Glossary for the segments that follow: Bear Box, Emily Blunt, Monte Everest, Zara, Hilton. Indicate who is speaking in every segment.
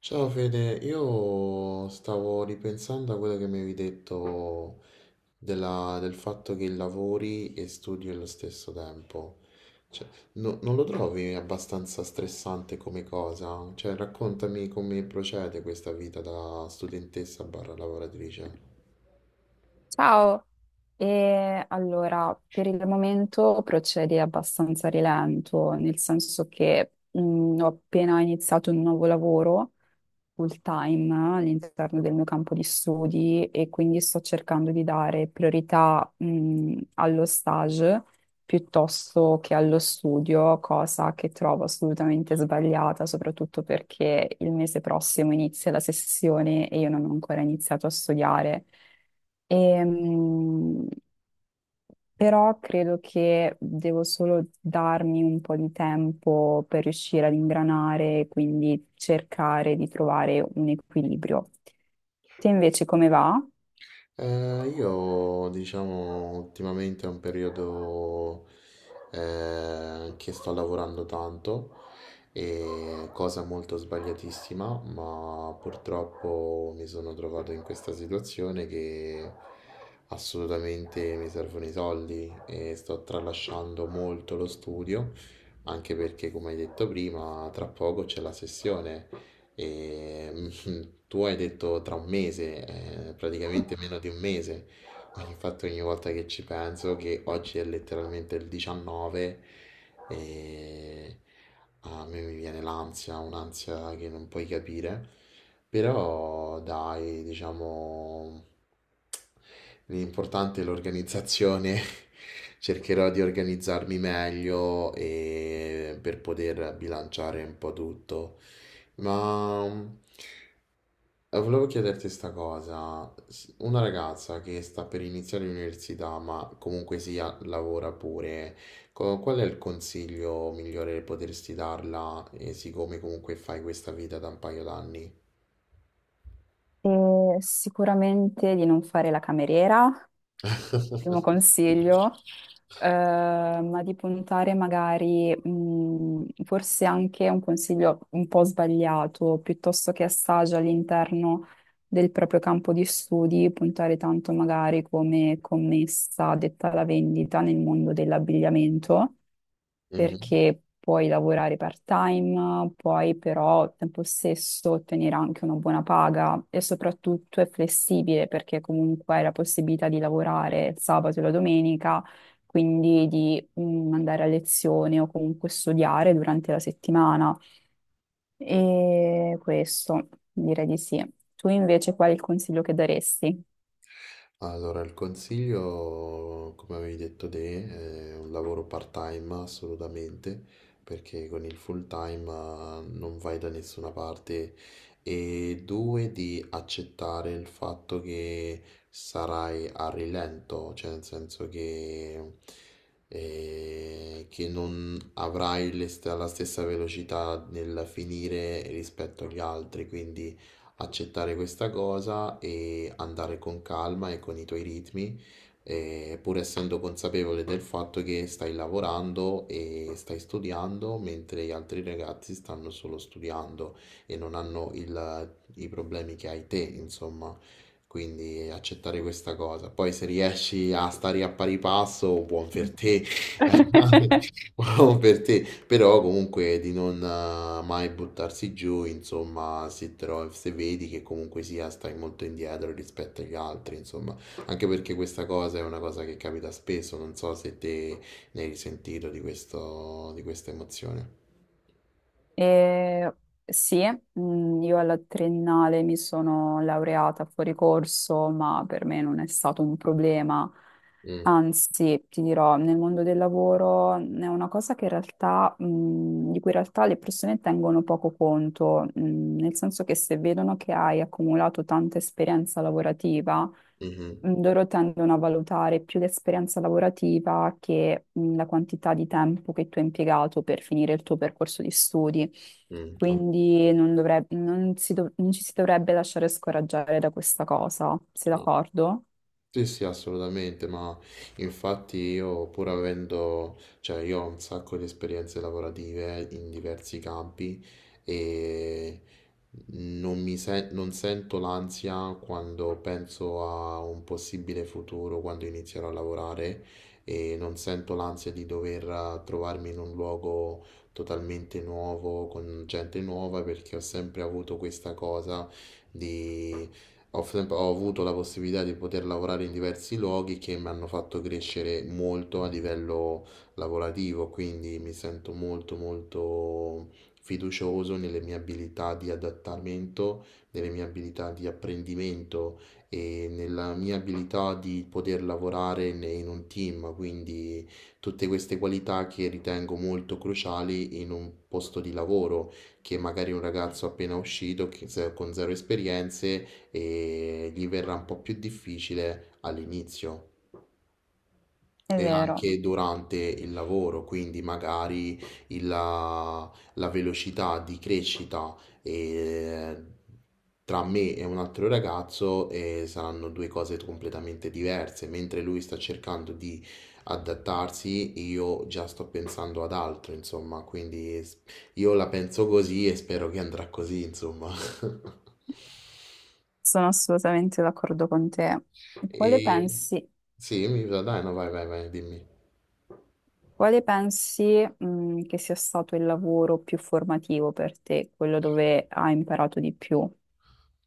Speaker 1: Ciao Fede, io stavo ripensando a quello che mi avevi detto del fatto che lavori e studi allo stesso tempo. Cioè, non lo trovi abbastanza stressante come cosa? Cioè, raccontami come procede questa vita da studentessa barra lavoratrice.
Speaker 2: Ciao, e allora per il momento procedi abbastanza a rilento, nel senso che ho appena iniziato un nuovo lavoro full time all'interno del mio campo di studi e quindi sto cercando di dare priorità, allo stage piuttosto che allo studio, cosa che trovo assolutamente sbagliata, soprattutto perché il mese prossimo inizia la sessione e io non ho ancora iniziato a studiare. Ehm, Però credo che devo solo darmi un po' di tempo per riuscire ad ingranare, quindi cercare di trovare un equilibrio. Te invece come va?
Speaker 1: Io diciamo ultimamente è un periodo che sto lavorando tanto e cosa molto sbagliatissima, ma purtroppo mi sono trovato in questa situazione che assolutamente mi servono i soldi e sto tralasciando molto lo studio, anche perché come hai detto prima, tra poco c'è la sessione. E, tu hai detto tra un mese, praticamente meno di un mese. Ma infatti ogni volta che ci penso, che oggi è letteralmente il 19, e a me mi viene l'ansia, un'ansia che non puoi capire, però dai, diciamo, l'importante è l'organizzazione, cercherò di organizzarmi meglio e per poter bilanciare un po' tutto. Ma volevo chiederti sta cosa. Una ragazza che sta per iniziare l'università, ma comunque sia lavora pure, qual è il consiglio migliore che potresti darla, siccome comunque fai questa vita da un paio d'anni?
Speaker 2: Sicuramente di non fare la cameriera, primo consiglio, ma di puntare magari, forse anche un consiglio un po' sbagliato, piuttosto che assaggi all'interno del proprio campo di studi, puntare tanto magari come commessa detta alla vendita nel mondo dell'abbigliamento
Speaker 1: Mhm.
Speaker 2: perché puoi lavorare part-time, puoi però al tempo stesso ottenere anche una buona paga e soprattutto è flessibile perché comunque hai la possibilità di lavorare il sabato e la domenica, quindi di andare a lezione o comunque studiare durante la settimana. E questo direi di sì. Tu invece qual è il consiglio che daresti?
Speaker 1: Allora, il consiglio, come avevi detto te, è un lavoro part-time assolutamente, perché con il full-time non vai da nessuna parte. E due, di accettare il fatto che sarai a rilento, cioè nel senso che non avrai la stessa velocità nel finire rispetto agli altri, quindi accettare questa cosa e andare con calma e con i tuoi ritmi, pur essendo consapevole del fatto che stai lavorando e stai studiando, mentre gli altri ragazzi stanno solo studiando e non hanno i problemi che hai te, insomma. Quindi accettare questa cosa. Poi se riesci a stare a pari passo, buon per te. Buon per te. Però comunque di non mai buttarsi giù, insomma, se, se vedi che comunque sia stai molto indietro rispetto agli altri, insomma, anche perché questa cosa è una cosa che capita spesso, non so se te ne hai risentito di questo, di questa emozione.
Speaker 2: E sì, io alla triennale mi sono laureata fuori corso, ma per me non è stato un problema.
Speaker 1: Mm,
Speaker 2: Anzi, ti dirò, nel mondo del lavoro è una cosa che in realtà, di cui in realtà le persone tengono poco conto, nel senso che se vedono che hai accumulato tanta esperienza lavorativa,
Speaker 1: mhm,
Speaker 2: loro tendono a valutare più l'esperienza lavorativa che, la quantità di tempo che tu hai impiegato per finire il tuo percorso di studi.
Speaker 1: no,
Speaker 2: Quindi non dovreb- non si dov- non ci si dovrebbe lasciare scoraggiare da questa cosa, sei
Speaker 1: no.
Speaker 2: d'accordo?
Speaker 1: Sì, sì, assolutamente, ma infatti io pur avendo, cioè io ho un sacco di esperienze lavorative in diversi campi e non sento l'ansia quando penso a un possibile futuro, quando inizierò a lavorare e non sento l'ansia di dover trovarmi in un luogo totalmente nuovo, con gente nuova, perché ho sempre avuto questa cosa ho, ho avuto la possibilità di poter lavorare in diversi luoghi che mi hanno fatto crescere molto a livello lavorativo, quindi mi sento molto molto fiducioso nelle mie abilità di adattamento, nelle mie abilità di apprendimento e nella mia abilità di poter lavorare in un team, quindi tutte queste qualità che ritengo molto cruciali in un posto di lavoro che magari un ragazzo appena uscito che con zero esperienze e gli verrà un po' più difficile all'inizio
Speaker 2: È
Speaker 1: e
Speaker 2: vero.
Speaker 1: anche durante il lavoro, quindi magari la velocità di crescita e- tra me e un altro ragazzo saranno due cose completamente diverse, mentre lui sta cercando di adattarsi, io già sto pensando ad altro, insomma, quindi io la penso così e spero che andrà così, insomma.
Speaker 2: Sono assolutamente d'accordo con te. Quale
Speaker 1: E...
Speaker 2: pensi,
Speaker 1: Sì, mi dai, no, vai, dimmi.
Speaker 2: quale pensi, che sia stato il lavoro più formativo per te, quello dove hai imparato di più?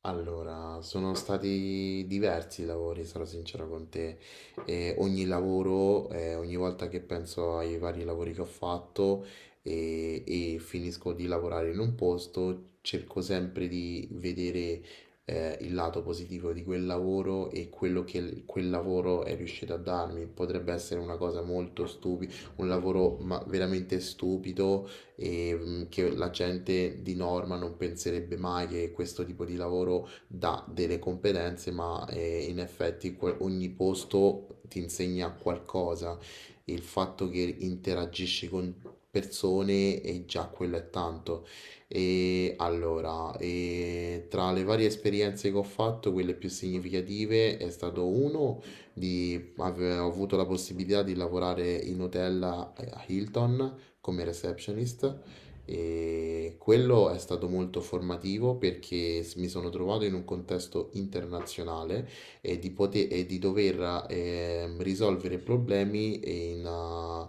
Speaker 1: Allora, sono stati diversi i lavori, sarò sincero con te. E ogni lavoro, ogni volta che penso ai vari lavori che ho fatto e finisco di lavorare in un posto, cerco sempre di vedere, il lato positivo di quel lavoro e quello che quel lavoro è riuscito a darmi. Potrebbe essere una cosa molto stupida, un lavoro ma veramente stupido e che la gente di norma non penserebbe mai che questo tipo di lavoro dà delle competenze, ma in effetti ogni posto ti insegna qualcosa. Il fatto che interagisci con persone e già quello è tanto. E allora, e tra le varie esperienze che ho fatto, quelle più significative è stato uno di ho avuto la possibilità di lavorare in hotel a Hilton come receptionist e quello è stato molto formativo perché mi sono trovato in un contesto internazionale e di, poter, e di dover risolvere problemi in, ah,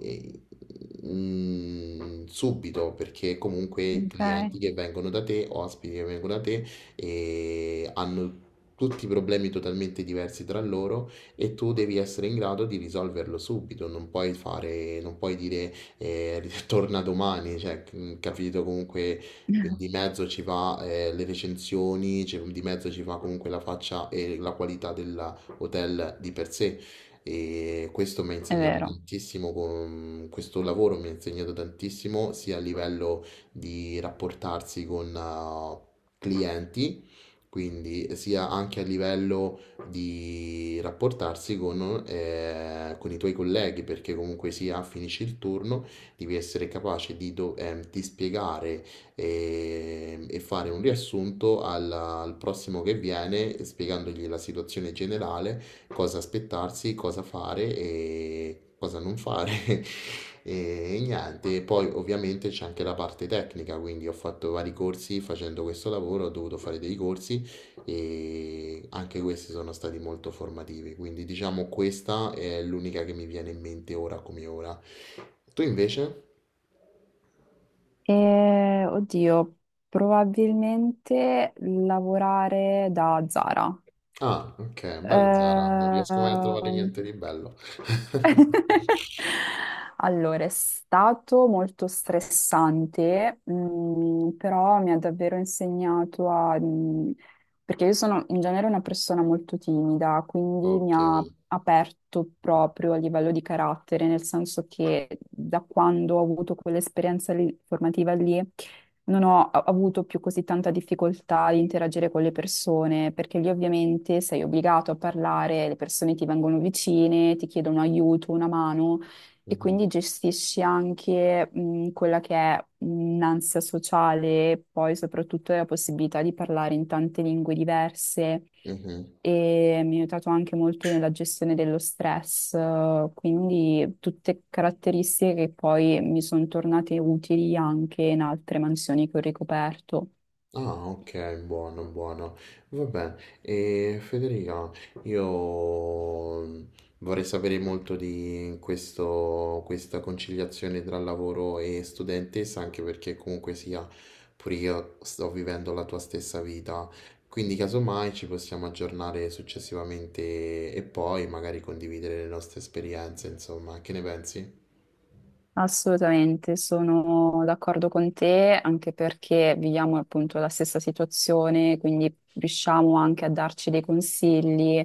Speaker 1: eh, mm, subito perché comunque i clienti
Speaker 2: Ok.
Speaker 1: che vengono da te, ospiti che vengono da te, hanno tutti problemi totalmente diversi tra loro e tu devi essere in grado di risolverlo subito, non puoi fare, non puoi dire torna domani, cioè, capito comunque che di mezzo ci va le recensioni, cioè, di mezzo ci va comunque la faccia e la qualità dell'hotel di per sé. E questo mi ha
Speaker 2: È
Speaker 1: insegnato
Speaker 2: vero.
Speaker 1: tantissimo, con, mm, questo lavoro mi ha insegnato tantissimo sia a livello di rapportarsi con clienti, quindi sia anche a livello di rapportarsi con i tuoi colleghi, perché comunque sia finisci il turno devi essere capace di, di spiegare e fare un riassunto al prossimo che viene, spiegandogli la situazione generale, cosa aspettarsi, cosa fare e cosa non fare. E niente, poi ovviamente c'è anche la parte tecnica, quindi ho fatto vari corsi facendo questo lavoro, ho dovuto fare dei corsi e anche questi sono stati molto formativi, quindi diciamo questa è l'unica che mi viene in mente ora come ora. Tu invece?
Speaker 2: E, oddio, probabilmente lavorare da Zara.
Speaker 1: Ah, ok, bello Zara, non riesco mai a trovare
Speaker 2: Ehm,
Speaker 1: niente di bello.
Speaker 2: Allora, è stato molto stressante, però mi ha davvero insegnato a... perché io sono in genere una persona molto timida, quindi mi
Speaker 1: Ok.
Speaker 2: ha aperto proprio a livello di carattere, nel senso che da quando ho avuto formativa lì non ho avuto più così tanta difficoltà di interagire con le persone, perché lì ovviamente sei obbligato a parlare, le persone ti vengono vicine, ti chiedono aiuto, una mano e
Speaker 1: Mhm,
Speaker 2: quindi gestisci anche quella che è un'ansia sociale, poi soprattutto la possibilità di parlare in tante lingue diverse
Speaker 1: mhm.
Speaker 2: e mi ha aiutato anche molto nella gestione dello stress, quindi tutte caratteristiche che poi mi sono tornate utili anche in altre mansioni che ho ricoperto.
Speaker 1: Ah, ok, buono, buono. Vabbè, e Federica, io vorrei sapere molto di questo, questa conciliazione tra lavoro e studentessa, anche perché comunque sia, pure io sto vivendo la tua stessa vita. Quindi, casomai, ci possiamo aggiornare successivamente e poi magari condividere le nostre esperienze, insomma, che ne pensi?
Speaker 2: Assolutamente, sono d'accordo con te, anche perché viviamo appunto la stessa situazione, quindi riusciamo anche a darci dei consigli,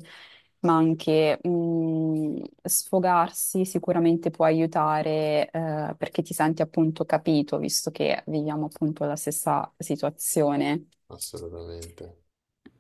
Speaker 2: ma anche sfogarsi sicuramente può aiutare perché ti senti appunto capito, visto che viviamo appunto la stessa situazione.
Speaker 1: Assolutamente.